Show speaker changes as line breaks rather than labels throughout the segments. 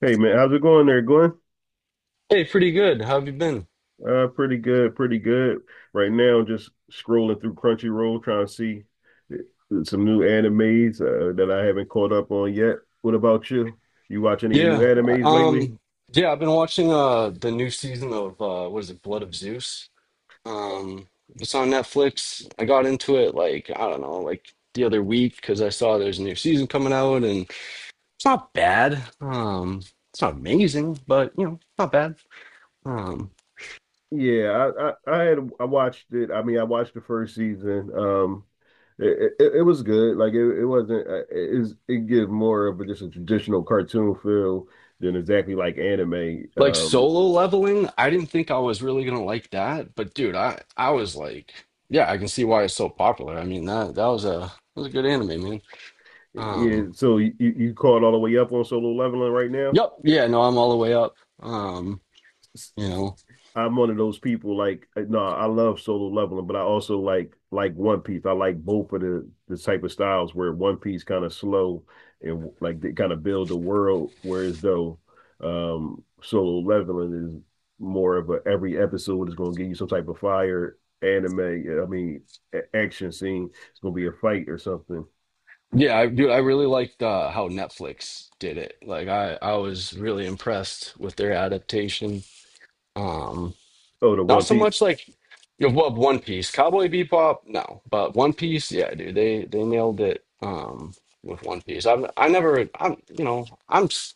Hey man, how's it going there, Glenn?
Hey, pretty good. How have you been?
Pretty good, pretty good. Right now, just scrolling through Crunchyroll, trying to see some new animes that I haven't caught up on yet. What about you? You watch any new
Yeah.
animes lately?
Um, yeah, I've been watching the new season of what is it, Blood of Zeus. Um, it's on Netflix. I got into it like, I don't know, like the other week because I saw there's a new season coming out and it's not bad. It's not amazing, but you know, not bad. Um,
Yeah, I watched it. I mean, I watched the first season. It was good. Like it wasn't. It gives more of a traditional cartoon feel than exactly like anime.
like
Um,
Solo Leveling, I didn't think I was really gonna like that, but dude, I was like, yeah, I can see why it's so popular. I mean, that was a that was a good anime, man.
yeah.
Um
So you caught all the way up on Solo Leveling right now?
Yep. Yeah. No, I'm all the way up. Um, you know.
I'm one of those people like no, I love solo leveling, but I also like One Piece. I like both of the type of styles where One Piece kind of slow, and like they kind of build a world, whereas though solo leveling is more of a every episode is going to give you some type of fire anime. I mean, action scene. It's going to be a fight or something.
Yeah, I dude, I really liked how Netflix did it. Like I was really impressed with their adaptation. Um
Oh, the
not
One
so
Piece.
much like you know, what One Piece, Cowboy Bebop, no, but One Piece, yeah, dude, they nailed it with One Piece. I've I never I'm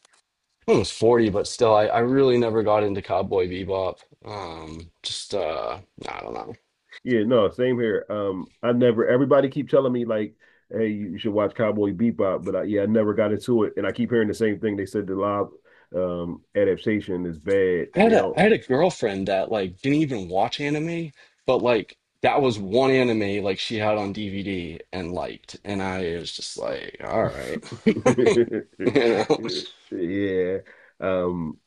almost 40, but still I really never got into Cowboy Bebop. Just I don't know.
Yeah, no, same here. I never. Everybody keep telling me like, "Hey, you should watch Cowboy Bebop," but I, yeah, I never got into it, and I keep hearing the same thing. They said the live adaptation is bad. They
I
don't.
had a girlfriend that like didn't even watch anime, but like that was one anime like she had on DVD and liked, and I was just like, all right, you know.
Yeah. Um,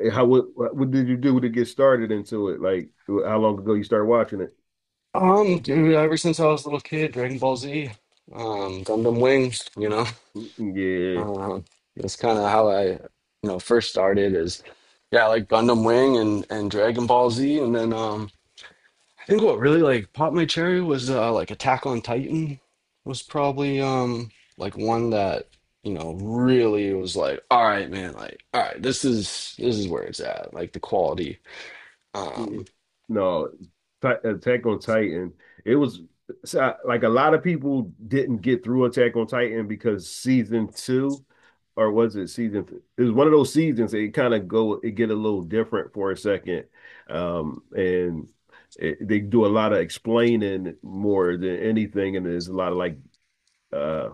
eh, how what did you do to get started into it? Like, how long ago you started watching it?
Dude, ever since I was a little kid, Dragon Ball Z, Gundam Wing, you know,
Mm. Yeah.
um, that's kind of how I, you know, first started is, yeah, like Gundam Wing and Dragon Ball Z, and then. I think what really like popped my cherry was like Attack on Titan was probably like one that you know really was like all right man like all right this is where it's at like the quality um
it- no, Attack on Titan. It was so, like a lot of people didn't get through Attack on Titan because season two, or was it season? It was one of those seasons. That it kind of go, it get a little different for a second, and they do a lot of explaining more than anything, and there's a lot of like uh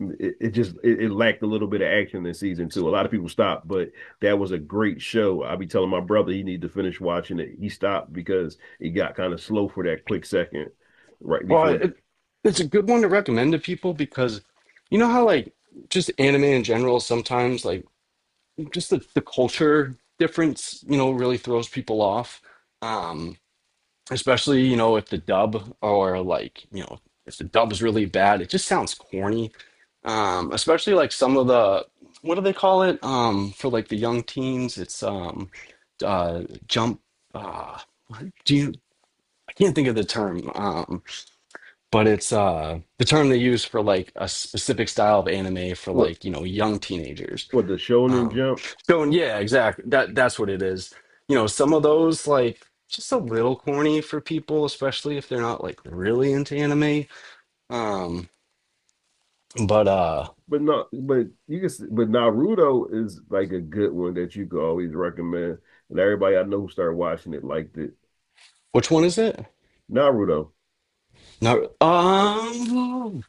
it just it lacked a little bit of action in season two. A lot of people stopped, but that was a great show. I be telling my brother he need to finish watching it. He stopped because it got kind of slow for that quick second right
well
before
it, it's a good one to recommend to people because you know how like just anime in general sometimes like just the culture difference you know really throws people off. Um, especially you know if the dub or like you know if the dub's really bad it just sounds corny especially like some of the what do they call it for like the young teens it's jump uh what do you I can't think of the term but it's the term they use for like a specific style of anime for
what
like you know young teenagers.
what the Shonen
um,
Jump.
so yeah, exactly. That that's what it is. You know, some of those like just a little corny for people, especially if they're not like really into anime. Um, but
But not, but you can, but Naruto is like a good one that you could always recommend. And everybody I know who started watching it liked it.
which one is it?
Naruto.
Not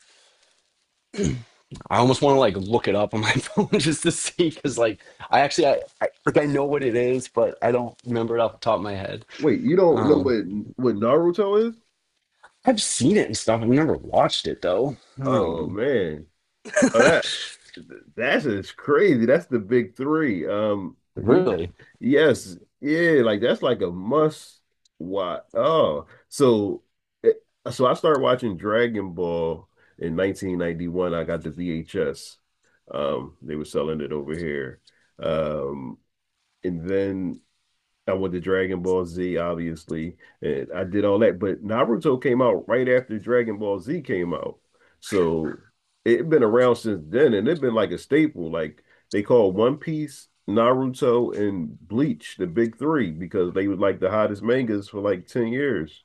I almost want to like look it up on my phone just to see because like I actually I like I know what it is, but I don't remember it off the top of my head.
Wait, you don't know
Um,
what Naruto is?
I've seen it and stuff. I've never watched it though.
Oh man, oh, that That's it's crazy. That's the big three. You,
Really.
yes, yeah, like that's like a must watch. Oh, it- so I started watching Dragon Ball in 1991. I got the VHS. They were selling it over here. Um, and then I went to Dragon Ball Z, obviously, and I did all that. But Naruto came out right after Dragon Ball Z came out, so it's been around since then, and it's been like a staple. Like they call One Piece, Naruto, and Bleach the big three because they were like the hottest mangas for like 10 years.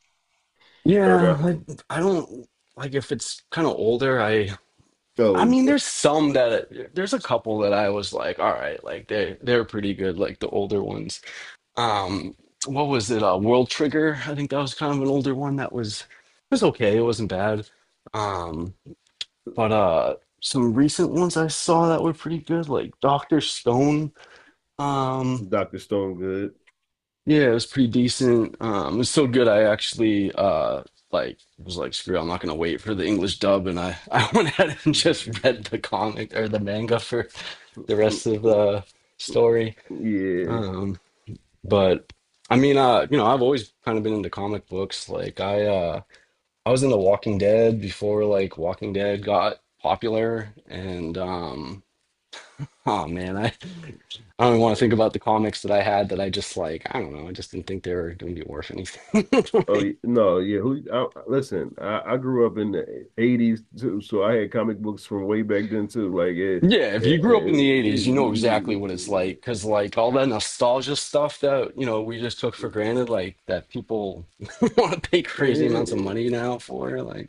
Or
Yeah,
the
I don't like if it's kind of older.
so
I mean, there's some that there's a couple that I was like, all right, like they're pretty good, like the older ones. Um, what was it? World Trigger. I think that was kind of an older one that was it was okay. It wasn't bad. Um, but some recent ones I saw that were pretty good, like Doctor Stone. Um,
Doctor Stone good.
Yeah, it was pretty decent. It was so good. I actually like was like, screw, it, I'm not gonna wait for the English dub, and I I went ahead and just read the comic or the manga for the rest of the story.
Yeah.
Um, but I mean, you know, I've always kind of been into comic books. Like I was into Walking Dead before like Walking Dead got popular, and oh man, I don't even want to think about the comics that I had that I just like, I don't know, I just didn't think they were going to be worth anything.
Oh y- no, yeah. Who? Listen, I grew up in the '80s too, so I had comic books from way back then too. Like, it.
Yeah, if you grew up in the 80s, you know exactly what it's like. Because, like, all that nostalgia stuff that, you know, we just took for granted, like, that people want to pay crazy amounts of money now for,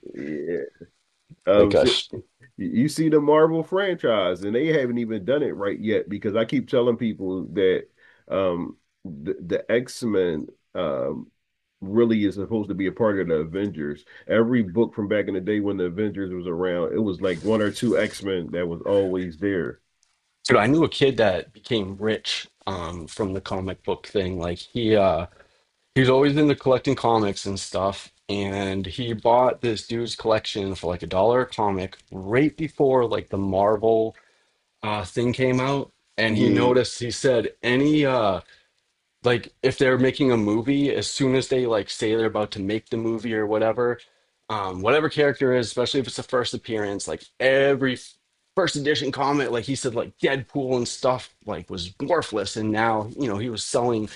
Um,
like
shit,
us.
you see the Marvel franchise, and they haven't even done it right yet because I keep telling people that um the X-Men um really is supposed to be a part of the Avengers. Every book from back in the day when the Avengers was around, it was like one or two X-Men that was always there.
Dude, I knew a kid that became rich from the comic book thing. Like, he was always into collecting comics and stuff. And he bought this dude's collection for like a dollar a comic right before, like, the Marvel thing came out. And he
Yeah.
noticed, he said, any, like if they're making a movie as soon as they like say they're about to make the movie or whatever whatever character is, especially if it's the first appearance, like every first edition comic, like he said like Deadpool and stuff like was worthless and now you know he was selling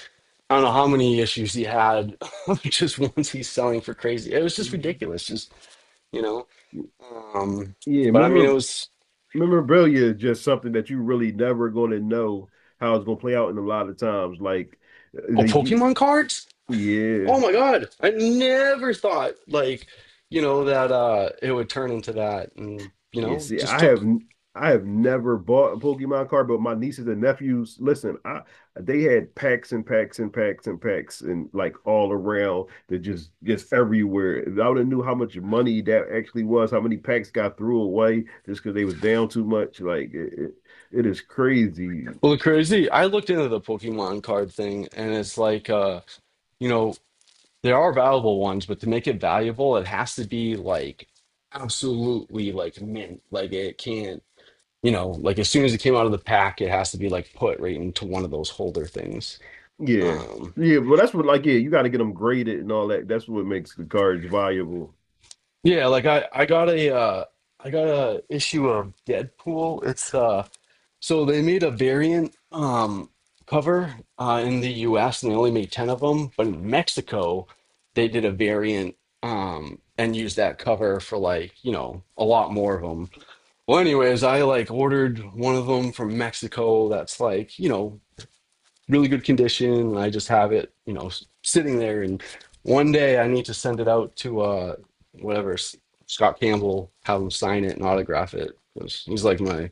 I don't know how many issues he had. Just once he's selling for crazy, it was just
Mhm.
ridiculous just you know. um
Yeah,
but I mean it was
memorabilia is just something that you really never gonna know how it's gonna play out in a lot of times. Like
oh
they,
Pokemon cards.
yeah.
Oh my God. I never thought like, you know, that it would turn into that and you
Yeah,
know,
see,
just
I have
took
I have never bought a Pokemon card, but my nieces and nephews, listen, I they had packs and packs and packs and packs, and like all around that just everywhere. If I would have knew how much money that actually was, how many packs got threw away just because they was down too much. Like it is crazy.
well the crazy. I looked into the Pokemon card thing and it's like you know, there are valuable ones, but to make it valuable it has to be like absolutely like mint. Like it can't you know, like as soon as it came out of the pack, it has to be like put right into one of those holder things.
Yeah.
Um
Yeah, but that's what like yeah, you got to get them graded and all that. That's what makes the cards valuable.
yeah, like I got a issue of Deadpool. It's so they made a variant cover in the U.S. and they only made 10 of them, but in Mexico they did a variant and used that cover for like you know a lot more of them. Well, anyways, I like ordered one of them from Mexico that's like you know really good condition, and I just have it you know sitting there. And one day I need to send it out to whatever S- Scott Campbell, have him sign it and autograph it. 'Cause he's like my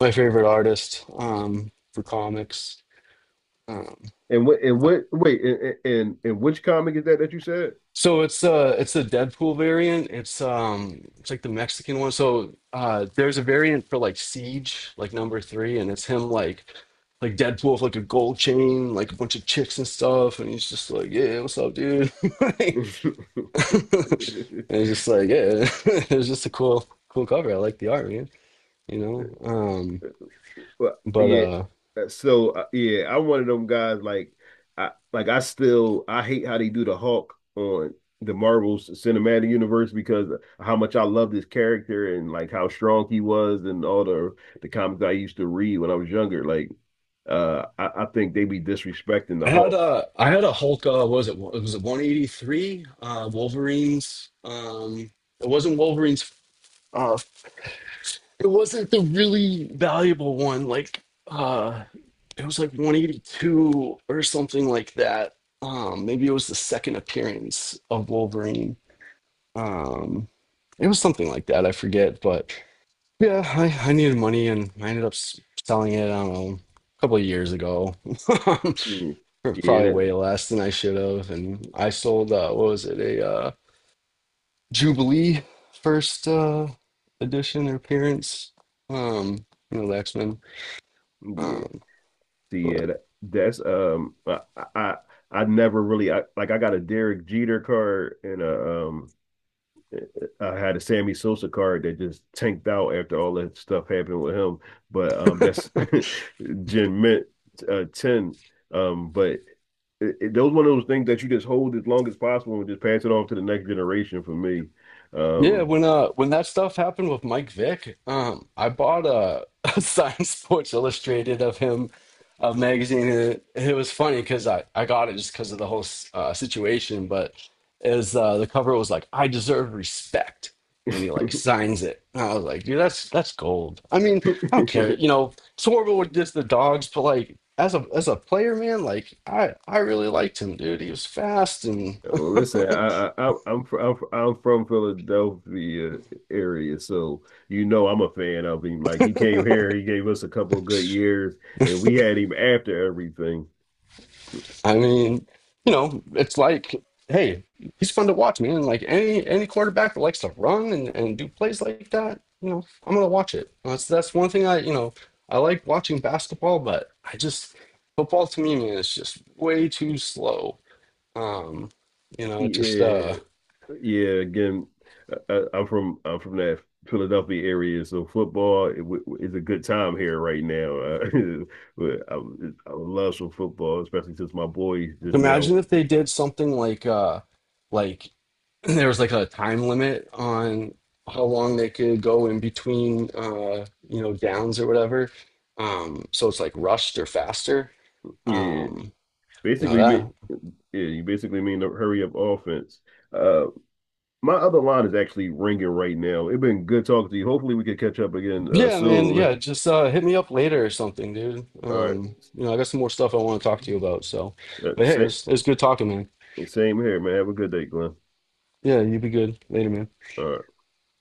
my favorite artist for comics. Um,
And what wait and which comic is that you said?
so it's the Deadpool variant. It's like the Mexican one. So there's a variant for like Siege, like number three, and it's him like Deadpool with like a gold chain, like a bunch of chicks and stuff, and he's just like, "Yeah, what's up, dude?" like, and it's just like, yeah, it was just a cool cover. I like the art, man. You know?
Well,
But
yeah. So yeah, I'm one of them guys. Like I hate how they do the Hulk on the Marvel's cinematic universe because of how much I love this character and like how strong he was and all the comics I used to read when I was younger. Like I think they be disrespecting the Hulk.
I had a Hulk. What was it? It was it 183 Wolverines. It wasn't Wolverines. Uh, it wasn't the really valuable one. Like uh, it was like 182 or something like that. Maybe it was the second appearance of Wolverine. Um, it was something like that. I forget, but yeah, I needed money and I ended up selling it. I don't know, a couple of years ago.
Mm.
For
Yeah,
probably
that.
way less than I should have. And I sold what was it, a Jubilee first edition or appearance. Um, you know, the X-Men.
Yeah.
Um,
Yeah,
but
that's I I never really, like I got a Derek Jeter card, and a I had a Sammy Sosa card that just tanked out after all that stuff happened with him. But that's Gen Mint ten. But those one of those things that you just hold as long as possible and just pass it on to the next generation. For me,
yeah,
um.
when that stuff happened with Mike Vick, I bought a, a Science Sports Illustrated of him, a magazine. And it was funny because I got it just because of the whole situation. But as the cover was like, "I deserve respect," and he like signs it. And I was like, "Dude, that's gold." I mean, I don't care. You know, it's horrible with just the dogs, but like as a player, man, like I really liked him, dude. He was fast.
Well, listen, I'm from Philadelphia area, so you know I'm a fan of him. Like he came here, he gave us a couple of good years, and we had him after everything.
I mean, you know, it's like, hey, he's fun to watch, man. Like any quarterback that likes to run and do plays like that, you know, I'm gonna watch it. Well, that's one thing I, you know, I like watching basketball, but I just football to me, man, is just way too slow. Um, you know, it just
Yeah. Yeah, again, I- am from I'm from that Philadelphia area, so football is a good time here right now, but I love some football, especially since my boy just now.
imagine if they did something like like there was like a time limit on how long they could go in between you know downs or whatever so it's like rushed or faster
Yeah,
um you know
basically mean
that
yeah, you basically mean the hurry up offense. Uh, my other line is actually ringing right now. It's been good talking to you. Hopefully, we can catch up again
yeah man
soon.
yeah just hit me up later or something dude
All right.
you know I got some more stuff I want to talk to you about so
Uh,
but hey
sa-
it's good talking man
same here, man. Have a good day, Glenn.
yeah you be good later man.
All right.